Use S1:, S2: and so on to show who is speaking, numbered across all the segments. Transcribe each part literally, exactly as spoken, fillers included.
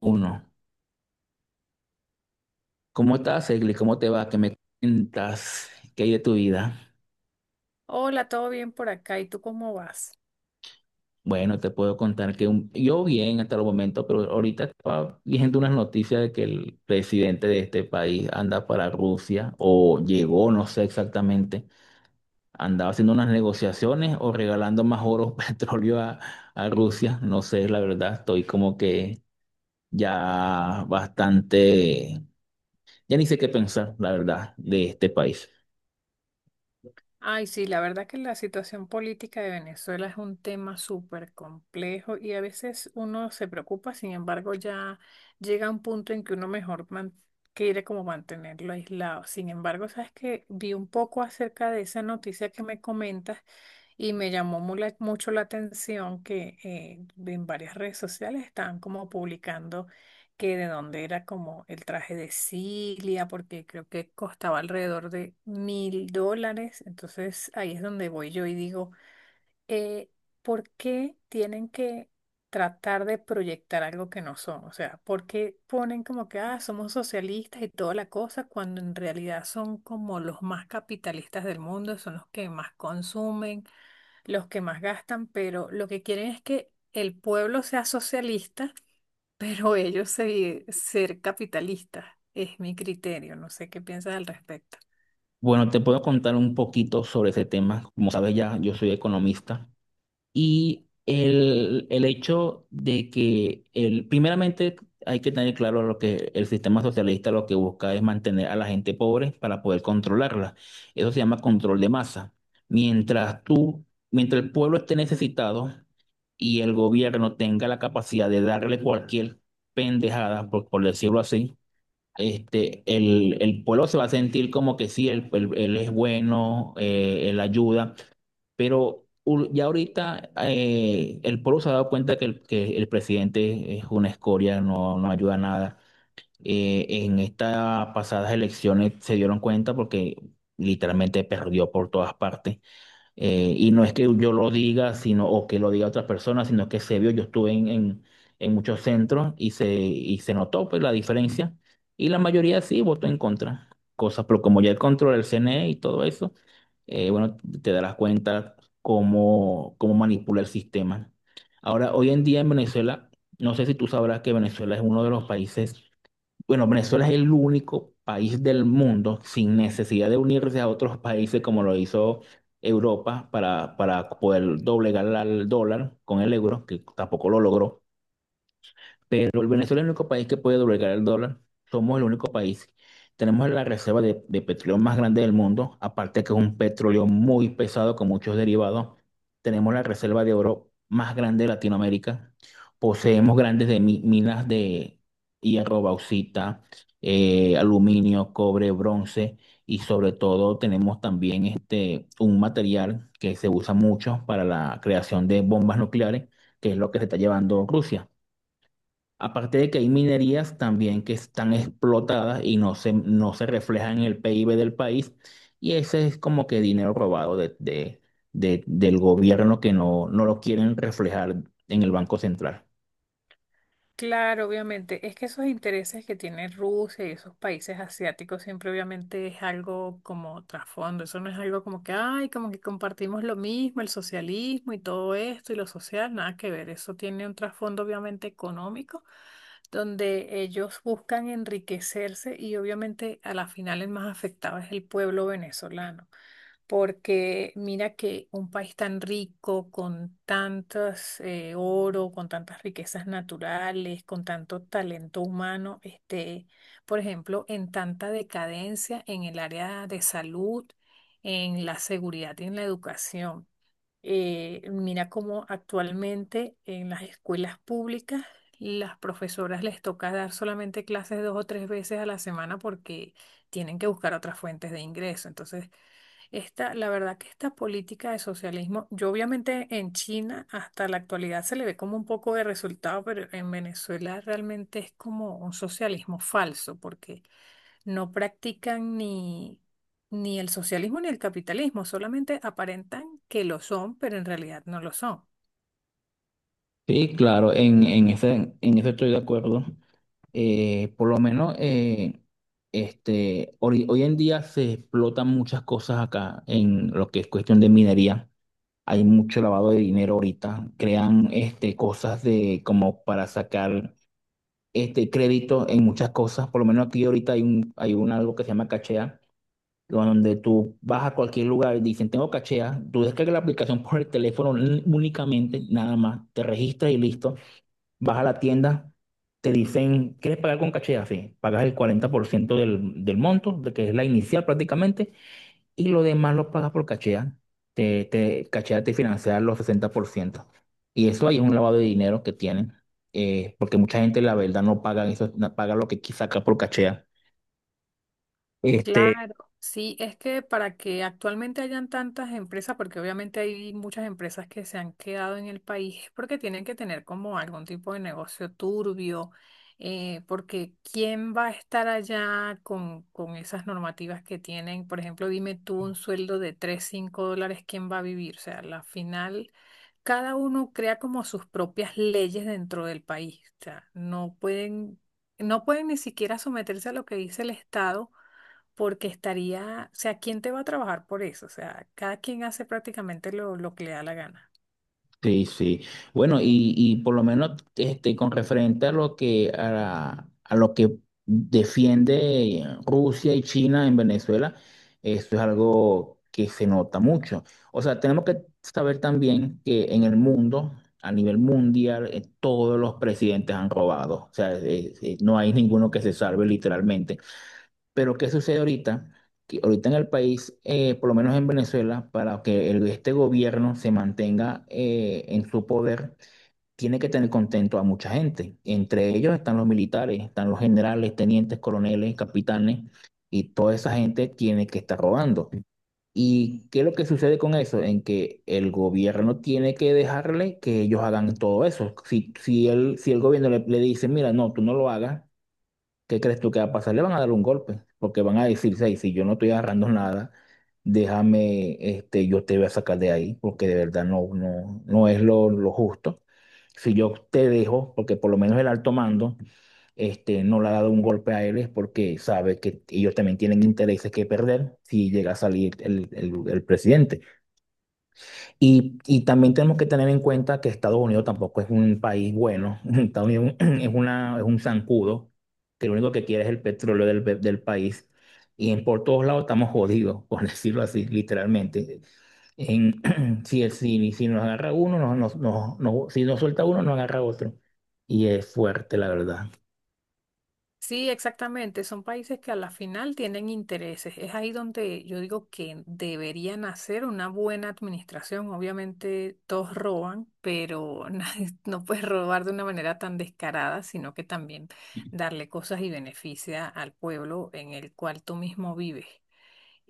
S1: Uno. ¿Cómo estás, Egli? ¿Cómo te va? ¿Qué me cuentas? ¿Qué hay de tu vida?
S2: Hola, ¿todo bien por acá? ¿Y tú cómo vas?
S1: Bueno, te puedo contar que un- yo bien hasta el momento, pero ahorita estaba viendo unas noticias de que el presidente de este país anda para Rusia o llegó, no sé exactamente, andaba haciendo unas negociaciones o regalando más oro, petróleo a, a Rusia. No sé, la verdad, estoy como que ya bastante, ya ni sé qué pensar, la verdad, de este país.
S2: Ay, sí, la verdad que la situación política de Venezuela es un tema súper complejo y a veces uno se preocupa. Sin embargo, ya llega un punto en que uno mejor man- quiere como mantenerlo aislado. Sin embargo, sabes que vi un poco acerca de esa noticia que me comentas. Y me llamó mu- la- mucho la atención que eh, en varias redes sociales estaban como publicando que de dónde era como el traje de Cilia, porque creo que costaba alrededor de mil dólares. Entonces ahí es donde voy yo y digo, eh, ¿por qué tienen que tratar de proyectar algo que no son? O sea, ¿por qué ponen como que, ah, somos socialistas y toda la cosa, cuando en realidad son como los más capitalistas del mundo, son los que más consumen, los que más gastan, pero lo que quieren es que el pueblo sea socialista, pero ellos se, ser capitalistas. Es mi criterio, no sé qué piensas al respecto.
S1: Bueno, te puedo contar un poquito sobre ese tema. Como sabes ya, yo soy economista y el, el hecho de que el, primeramente hay que tener claro lo que el sistema socialista lo que busca es mantener a la gente pobre para poder controlarla. Eso se llama control de masa. Mientras tú, mientras el pueblo esté necesitado y el gobierno tenga la capacidad de darle cualquier pendejada, por por decirlo así, este, el, el pueblo se va a sentir como que sí, él, él- él es bueno, eh, él ayuda, pero u- ya ahorita eh, el pueblo se ha dado cuenta que el, que el presidente es una escoria, no, no ayuda a nada. Eh, en estas pasadas elecciones se dieron cuenta porque literalmente perdió por todas partes. Eh, y no es que yo lo diga, sino, o que lo diga otra persona, sino que se vio, yo estuve en, en, en muchos centros y se, y se notó pues, la diferencia. Y la mayoría sí votó en contra. Cosas, pero como ya el control del C N E y todo eso, eh, bueno, te darás cuenta cómo, cómo manipula el sistema. Ahora, hoy en día en Venezuela, no sé si tú sabrás que Venezuela es uno de los países bueno, Venezuela es el único país del mundo sin necesidad de unirse a otros países como lo hizo Europa para, para poder doblegar al dólar con el euro, que tampoco lo logró. Pero el Venezuela es el único país que puede doblegar el dólar. Somos el único país. Tenemos la reserva de, de petróleo más grande del mundo, aparte que es un petróleo muy pesado con muchos derivados. Tenemos la reserva de oro más grande de Latinoamérica. Poseemos grandes de mi- minas de hierro, bauxita, eh, aluminio, cobre, bronce y sobre todo tenemos también este, un material que se usa mucho para la creación de bombas nucleares, que es lo que se está llevando Rusia. Aparte de que hay minerías también que están explotadas y no se, no se reflejan en el P I B del país, y ese es como que dinero robado de, de- de- del gobierno que no, no lo quieren reflejar en el Banco Central.
S2: Claro, obviamente. Es que esos intereses que tiene Rusia y esos países asiáticos siempre obviamente es algo como trasfondo. Eso no es algo como que, ay, como que compartimos lo mismo, el socialismo y todo esto y lo social, nada que ver. Eso tiene un trasfondo obviamente económico, donde ellos buscan enriquecerse y obviamente a la final el más afectado es el pueblo venezolano, porque mira que un país tan rico, con tantos eh, oro, con tantas riquezas naturales, con tanto talento humano, esté, por ejemplo, en tanta decadencia en el área de salud, en la seguridad y en la educación. Eh, mira cómo actualmente en las escuelas públicas las profesoras les toca dar solamente clases dos o tres veces a la semana porque tienen que buscar otras fuentes de ingreso. Entonces, esta, la verdad que esta política de socialismo, yo obviamente en China hasta la actualidad se le ve como un poco de resultado, pero en Venezuela realmente es como un socialismo falso porque no practican ni ni el socialismo ni el capitalismo, solamente aparentan que lo son, pero en realidad no lo son.
S1: Sí, claro, en, en ese, en eso estoy de acuerdo. Eh, por lo menos eh, este, hoy, hoy en día se explotan muchas cosas acá en lo que es cuestión de minería. Hay mucho lavado de dinero ahorita. Crean este, cosas de como para sacar este crédito en muchas cosas. Por lo menos aquí ahorita hay un, hay un algo que se llama Cachea, donde tú vas a cualquier lugar y dicen, tengo Cachea. Tú descargas la aplicación por el teléfono n- únicamente, nada más. Te registras y listo. Vas a la tienda. Te dicen, ¿quieres pagar con Cachea? Sí, pagas el cuarenta por ciento del, del monto, de que es la inicial prácticamente, y lo demás lo pagas por Cachea. Te, te, Cachea te financia los sesenta por ciento. Y eso ahí es un lavado de dinero que tienen, eh, porque mucha gente, la verdad, no paga eso, no paga lo que saca por Cachea. Este,
S2: Claro, sí, es que para que actualmente hayan tantas empresas, porque obviamente hay muchas empresas que se han quedado en el país, es porque tienen que tener como algún tipo de negocio turbio. Eh, porque ¿quién va a estar allá con, con esas normativas que tienen? Por ejemplo, dime tú un sueldo de tres, cinco dólares, ¿quién va a vivir? O sea, la final, cada uno crea como sus propias leyes dentro del país, o sea, no pueden, no pueden ni siquiera someterse a lo que dice el Estado, porque estaría, o sea, ¿quién te va a trabajar por eso? O sea, cada quien hace prácticamente lo, lo que le da la gana.
S1: sí, sí. Bueno, y, y por lo menos este, con referente a lo que a, la- a lo que defiende Rusia y China en Venezuela, eso es algo que se nota mucho. O sea, tenemos que saber también que en el mundo, a nivel mundial, eh, todos los presidentes han robado. O sea, eh, eh, no hay ninguno que se salve literalmente. Pero ¿qué sucede ahorita? Que ahorita en el país, eh, por lo menos en Venezuela, para que el- este gobierno se mantenga eh, en su poder, tiene que tener contento a mucha gente. Entre ellos están los militares, están los generales, tenientes, coroneles, capitanes, y toda esa gente tiene que estar robando. ¿Y qué es lo que sucede con eso? En que el gobierno tiene que dejarle que ellos hagan todo eso. Si, si el, si el gobierno le, le dice, mira, no, tú no lo hagas. ¿Qué crees tú que va a pasar? Le van a dar un golpe, porque van a decir, "Ey, si yo no estoy agarrando nada, déjame, este, yo te voy a sacar de ahí, porque de verdad no, no, no es lo, lo justo. Si yo te dejo, porque por lo menos el alto mando, este, no le ha dado un golpe a él, es porque sabe que ellos también tienen intereses que perder si llega a salir el, el el presidente. Y, y también tenemos que tener en cuenta que Estados Unidos tampoco es un país bueno. Estados Unidos es una, es un zancudo que lo único que quiere es el petróleo del, pe- del país. Y en, por todos lados estamos jodidos, por decirlo así, literalmente. En, si, el- si, si nos agarra uno, nos, nos, nos- nos- si nos suelta uno, nos agarra otro. Y es fuerte, la verdad.
S2: Sí, exactamente, son países que a la final tienen intereses. Es ahí donde yo digo que deberían hacer una buena administración. Obviamente todos roban, pero nadie- no puedes robar de una manera tan descarada, sino que también darle cosas y beneficia al pueblo en el cual tú mismo vives.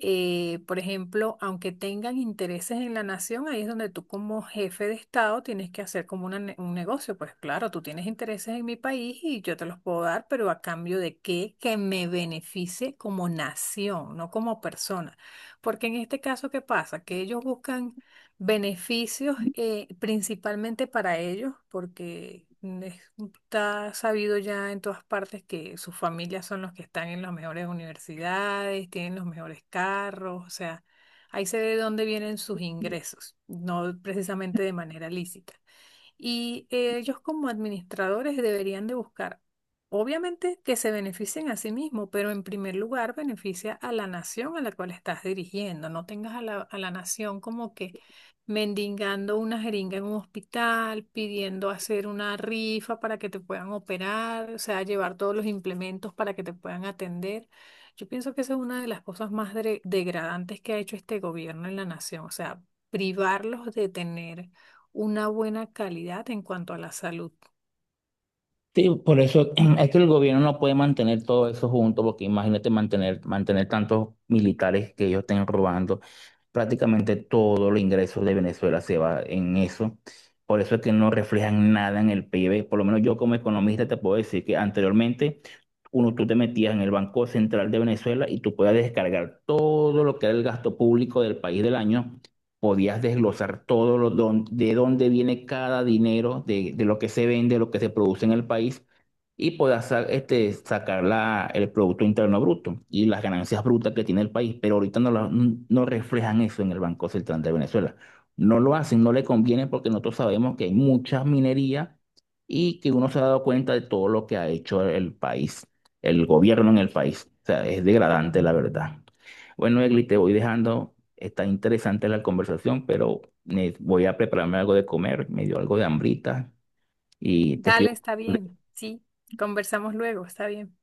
S2: eh, Por ejemplo, aunque tengan intereses en la nación, ahí es donde tú como jefe de Estado tienes que hacer como una ne- un negocio. Pues claro, tú tienes intereses en mi país y yo te los puedo dar, ¿pero a cambio de qué? Que me beneficie como nación, no como persona. Porque en este caso, ¿qué pasa? Que ellos buscan beneficios, eh, principalmente para ellos, porque mm, es- está sabido ya en todas partes que sus familias son los que están en las mejores universidades, tienen los mejores carros, o sea, ahí se ve de dónde vienen sus ingresos, no precisamente de manera lícita. Y eh, ellos como administradores deberían de buscar, obviamente, que se beneficien a sí mismos, pero en primer lugar beneficia a la nación a la cual estás dirigiendo. No tengas a la, a la nación como que mendigando una jeringa en un hospital, pidiendo hacer una rifa para que te puedan operar, o sea, llevar todos los implementos para que te puedan atender. Yo pienso que esa es una de las cosas más dre- degradantes que ha hecho este gobierno en la nación, o sea, privarlos de tener una buena calidad en cuanto a la salud.
S1: Sí, por eso es que el gobierno no puede mantener todo eso junto, porque imagínate mantener, mantener tantos militares que ellos estén robando prácticamente todo los ingresos de Venezuela se va en eso. Por eso es que no reflejan nada en el P I B. Por lo menos yo como economista te puedo decir que anteriormente uno tú te metías en el Banco Central de Venezuela y tú podías descargar todo lo que era el gasto público del país del año. Podías desglosar todo lo don- de dónde viene cada dinero, de, de lo que se vende, lo que se produce en el país y pueda sa- este, sacar la- el Producto Interno Bruto y las ganancias brutas que tiene el país, pero ahorita no, la- no reflejan eso en el Banco Central de Venezuela. No lo hacen, no le conviene porque nosotros sabemos que hay mucha minería y que uno se ha dado cuenta de todo lo que ha hecho el país, el gobierno en el país. O sea, es degradante la verdad. Bueno, Egli, te voy dejando. Está interesante la conversación, pero me- voy a prepararme algo de comer. Me dio algo de hambrita y te
S2: Dale,
S1: escribo.
S2: está bien. Sí, conversamos luego, está bien.